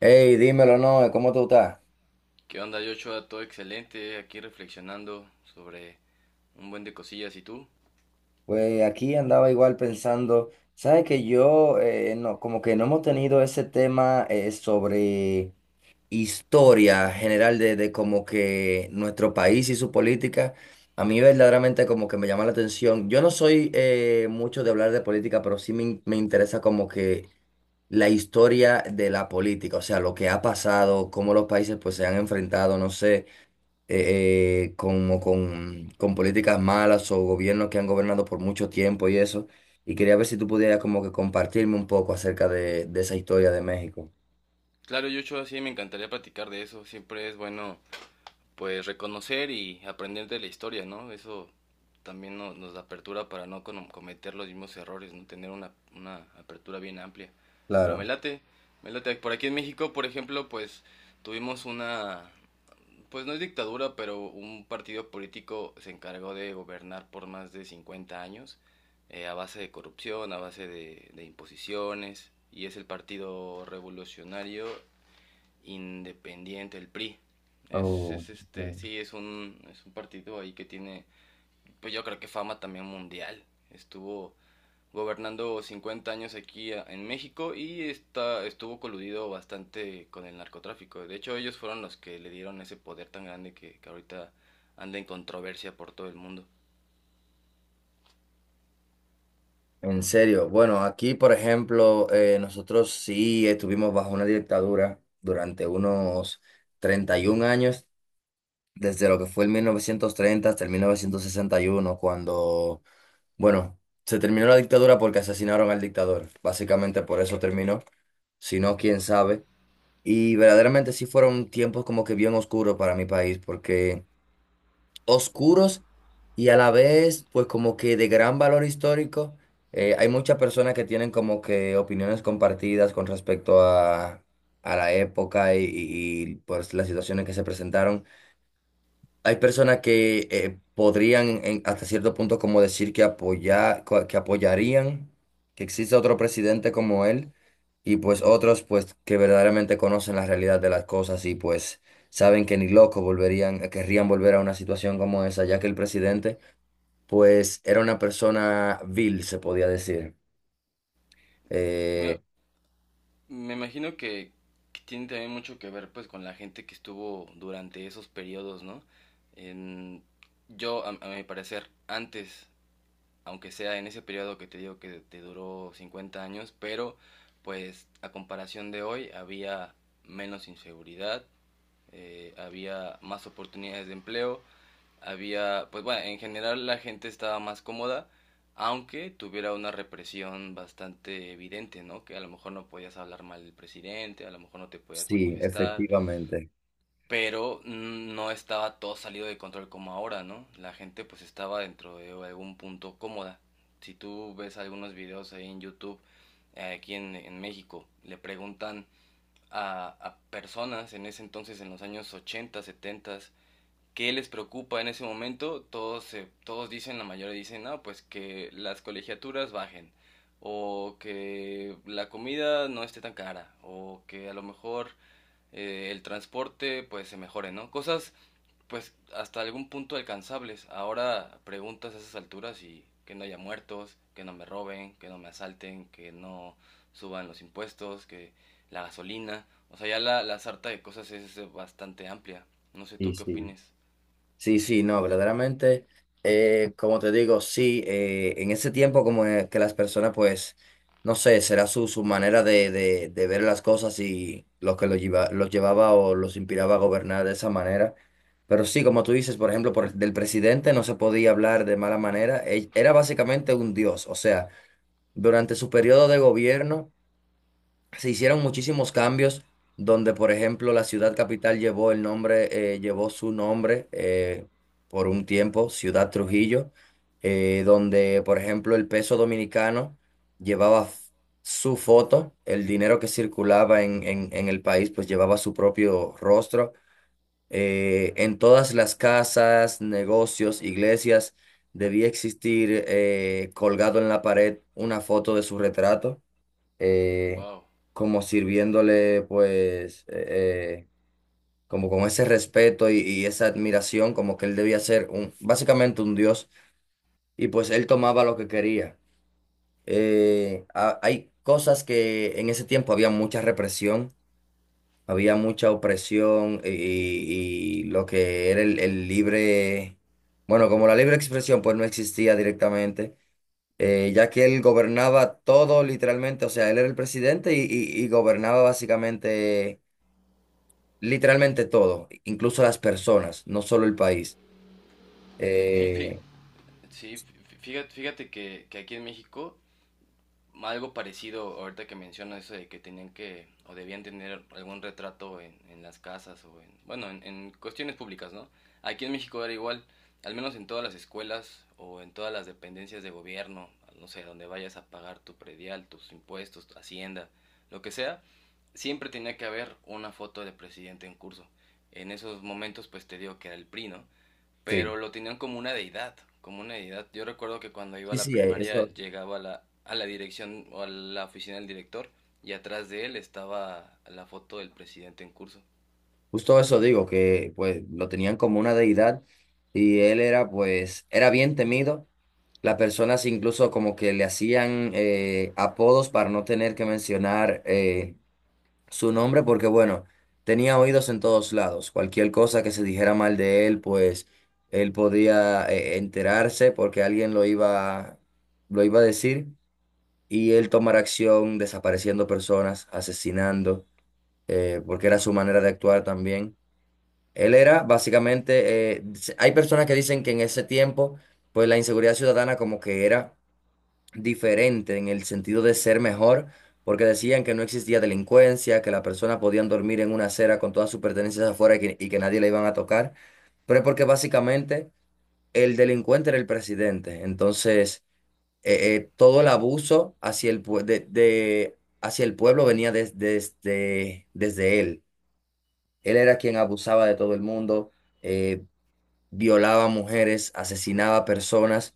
Hey, dímelo, no, ¿cómo tú estás? ¿Qué onda, Joshua? Todo excelente, aquí reflexionando sobre un buen de cosillas. ¿Y tú? Pues aquí andaba igual pensando, sabes que yo, no, como que no hemos tenido ese tema sobre historia general de como que nuestro país y su política, a mí verdaderamente como que me llama la atención. Yo no soy mucho de hablar de política, pero sí me, me interesa como que la historia de la política, o sea, lo que ha pasado, cómo los países pues se han enfrentado, no sé. Como con políticas malas o gobiernos que han gobernado por mucho tiempo y eso. Y quería ver si tú pudieras como que compartirme un poco acerca de esa historia de México. Claro, Joshua, sí, me encantaría platicar de eso. Siempre es bueno, pues, reconocer y aprender de la historia, ¿no? Eso también nos da apertura para no cono- cometer los mismos errores, ¿no? Tener una apertura bien amplia. Pero me Claro. late, me late. Por aquí en México, por ejemplo, pues, tuvimos una, pues no es dictadura, pero un partido político se encargó de gobernar por más de 50 años a base de corrupción, a base de imposiciones, y es el Partido Revolucionario Independiente, el PRI. Oh, Es este, ok. sí, es un partido ahí que tiene, pues yo creo que fama también mundial. Estuvo gobernando 50 años aquí en México y estuvo coludido bastante con el narcotráfico. De hecho, ellos fueron los que le dieron ese poder tan grande que ahorita anda en controversia por todo el mundo. En serio, bueno, aquí por ejemplo, nosotros sí estuvimos bajo una dictadura durante unos 31 años, desde lo que fue el 1930 hasta el 1961 cuando, bueno, se terminó la dictadura porque asesinaron al dictador, básicamente por eso terminó. Si no, quién sabe. Y verdaderamente sí fueron tiempos como que bien oscuros para mi país, porque oscuros y a la vez, pues como que de gran valor histórico. Hay muchas personas que tienen como que opiniones compartidas con respecto a la época y, pues las situaciones que se presentaron. Hay personas que podrían hasta cierto punto como decir que que apoyarían que exista otro presidente como él y pues otros pues que verdaderamente conocen la realidad de las cosas y pues saben que ni loco volverían, querrían volver a una situación como esa, ya que el presidente pues era una persona vil, se podía decir. Me, Eh, me imagino que tiene también mucho que ver pues con la gente que estuvo durante esos periodos, ¿no? En, a mi parecer, antes aunque sea en ese periodo que te digo que te duró 50 años, pero pues a comparación de hoy había menos inseguridad, había más oportunidades de empleo, había, pues bueno, en general la gente estaba más cómoda, aunque tuviera una represión bastante evidente, ¿no? Que a lo mejor no podías hablar mal del presidente, a lo mejor no te podías sí, manifestar, efectivamente. pero no estaba todo salido de control como ahora, ¿no? La gente pues estaba dentro de algún punto cómoda. Si tú ves algunos videos ahí en YouTube, aquí en México, le preguntan a personas en ese entonces, en los años 80, 70, ¿qué les preocupa en ese momento? Todos dicen, la mayoría dicen, no, pues que las colegiaturas bajen, o que la comida no esté tan cara, o que a lo mejor el transporte pues se mejore, ¿no? Cosas pues hasta algún punto alcanzables. Ahora preguntas a esas alturas y que no haya muertos, que no me roben, que no me asalten, que no suban los impuestos, que la gasolina, o sea, ya la sarta de cosas es bastante amplia. No sé Sí, tú qué sí. opines. Sí, sí, no, verdaderamente, como te digo, sí, en ese tiempo como es que las personas, pues, no sé, será su manera de, de ver las cosas y lo que los lleva, los llevaba o los inspiraba a gobernar de esa manera. Pero sí, como tú dices, por ejemplo, por, del presidente no se podía hablar de mala manera, era básicamente un dios, o sea, durante su periodo de gobierno se hicieron muchísimos cambios donde, por ejemplo, la ciudad capital llevó el nombre, llevó su nombre por un tiempo, Ciudad Trujillo, donde, por ejemplo, el peso dominicano llevaba su foto, el dinero que circulaba en el país, pues llevaba su propio rostro. En todas las casas, negocios, iglesias, debía existir colgado en la pared una foto de su retrato eh, Wow. como sirviéndole pues como con ese respeto y esa admiración, como que él debía ser un, básicamente un dios y pues él tomaba lo que quería. Hay cosas que en ese tiempo había mucha represión, había mucha opresión y lo que era el libre, bueno, como la libre expresión pues no existía directamente ya que él gobernaba todo literalmente, o sea, él era el presidente y gobernaba básicamente, literalmente todo, incluso las personas, no solo el país. Fí- fí- Eh, Sí, fíjate que aquí en México algo parecido ahorita que mencionas eso de que tenían que o debían tener algún retrato en las casas o en, bueno, en cuestiones públicas, ¿no? Aquí en México era igual, al menos en todas las escuelas o en todas las dependencias de gobierno, no sé, donde vayas a pagar tu predial, tus impuestos, tu hacienda, lo que sea, siempre tenía que haber una foto de presidente en curso. En esos momentos pues te digo que era el PRI, ¿no? sí, Pero lo tenían como una deidad, como una deidad. Yo recuerdo que cuando iba a sí, la sí, primaria eso, llegaba a a la dirección o a la oficina del director y atrás de él estaba la foto del presidente en curso. justo eso digo, que pues lo tenían como una deidad y él era pues, era bien temido. Las personas incluso como que le hacían apodos para no tener que mencionar su nombre porque, bueno, tenía oídos en todos lados. Cualquier cosa que se dijera mal de él, pues él podía enterarse porque alguien lo iba a decir y él tomar acción desapareciendo personas, asesinando, porque era su manera de actuar también. Él era básicamente, hay personas que dicen que en ese tiempo, pues la inseguridad ciudadana como que era diferente en el sentido de ser mejor, porque decían que no existía delincuencia, que las personas podían dormir en una acera con todas sus pertenencias afuera y que nadie le iban a tocar, pero es porque básicamente el delincuente era el presidente, entonces todo el abuso hacia el, hacia el pueblo venía desde, desde él. Él era quien abusaba de todo el mundo, eh, violaba mujeres, asesinaba personas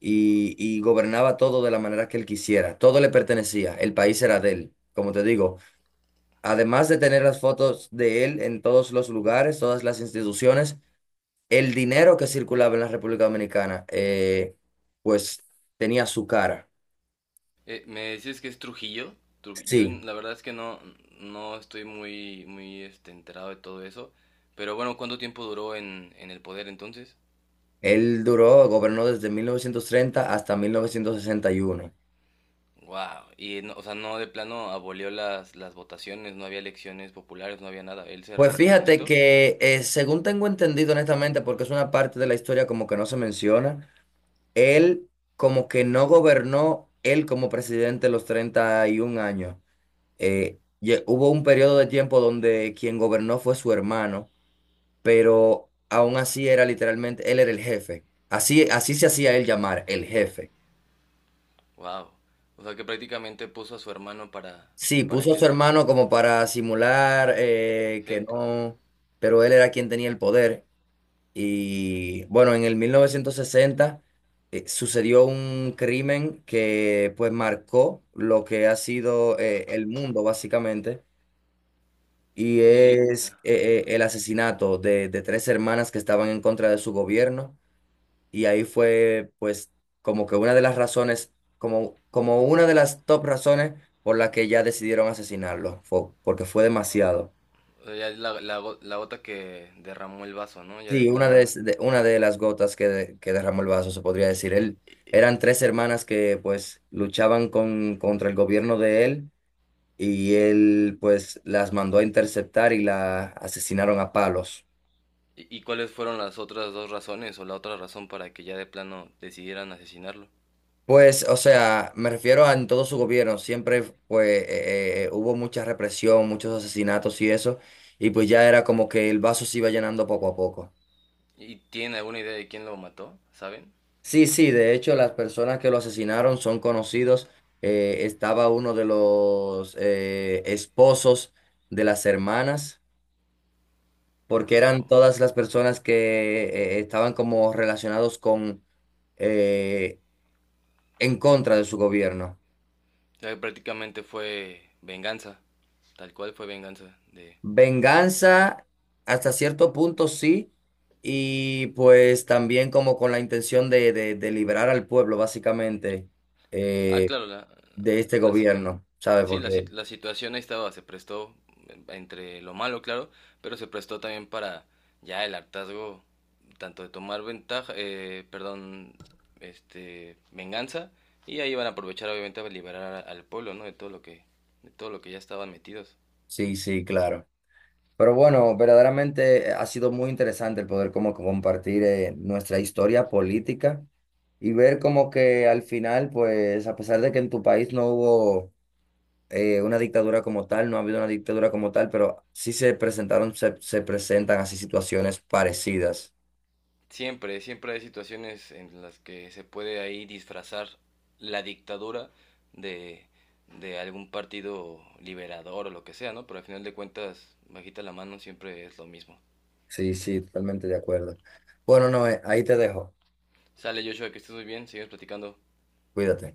y gobernaba todo de la manera que él quisiera. Todo le pertenecía, el país era de él, como te digo. Además de tener las fotos de él en todos los lugares, todas las instituciones, el dinero que circulaba en la República Dominicana, pues tenía su cara. ¿Me dices que es Trujillo? Trujillo, Sí, la verdad es que no, no estoy muy este, enterado de todo eso. Pero bueno, ¿cuánto tiempo duró en el poder entonces? él duró, gobernó desde 1930 hasta mil novecientos sesenta y uno. Wow, o sea, no de plano abolió las votaciones, no había elecciones populares, no había nada, él se Pues reelegía fíjate solito. que, según tengo entendido honestamente, porque es una parte de la historia como que no se menciona, él como que no gobernó, él como presidente los 31 años. Hubo un periodo de tiempo donde quien gobernó fue su hermano, pero aún así era literalmente, él era el jefe. Así, así se hacía él llamar, el jefe. Wow. O sea que prácticamente puso a su hermano Sí, para puso a que su hermano como para simular que claro. no, pero él era quien tenía el poder. Y bueno, en el 1960 sucedió un crimen que pues marcó lo que ha sido el mundo básicamente, y es ajá. El asesinato de tres hermanas que estaban en contra de su gobierno, y ahí fue pues como que una de las razones, como, como una de las top razones por la que ya decidieron asesinarlo, fue, porque fue demasiado. O sea, ya es la gota que derramó el vaso, ¿no? Ya de Sí, una plano. Una de las gotas que derramó el vaso, se podría decir. Él, eran tres hermanas que pues luchaban con, contra el gobierno de él y él pues las mandó a interceptar y la asesinaron a palos. Y cuáles fueron las otras dos razones o la otra razón para que ya de plano decidieran asesinarlo? Pues, o sea, me refiero a en todo su gobierno, siempre pues hubo mucha represión, muchos asesinatos y eso, y pues ya era como que el vaso se iba llenando poco a poco. ¿Y tienen alguna idea de quién lo mató? ¿Saben? Sí, sí, de hecho las personas que lo asesinaron son conocidos. Estaba uno de los esposos de las hermanas, porque Wow. eran O todas las personas que estaban como relacionados con eh, en contra de su gobierno. sea que prácticamente fue venganza. Tal cual fue venganza de, Venganza hasta cierto punto sí, y pues también como con la intención de liberar al pueblo básicamente ah, eh, claro, de este la situación. gobierno, ¿sabes? Sí, Porque la situación ahí estaba, se prestó entre lo malo, claro, pero se prestó también para ya el hartazgo, tanto de tomar ventaja, perdón, este, venganza, y ahí van a aprovechar obviamente a al pueblo, ¿no? De todo lo que, de todo lo que ya estaban metidos. sí, sí, claro. Pero bueno, verdaderamente ha sido muy interesante el poder como compartir nuestra historia política y ver como que al final, pues a pesar de que en tu país no hubo una dictadura como tal, no ha habido una dictadura como tal, pero sí se presentaron, se presentan así situaciones parecidas. Siempre, siempre hay situaciones en las que se puede ahí disfrazar la dictadura de, de algún partido liberador o lo que sea, ¿no? Pero al final de cuentas, bajita la mano, siempre es lo mismo. Sí, sí, totalmente de acuerdo. Bueno, no ahí te dejo. Sale Joshua, que estés muy bien, sigues platicando. Cuídate.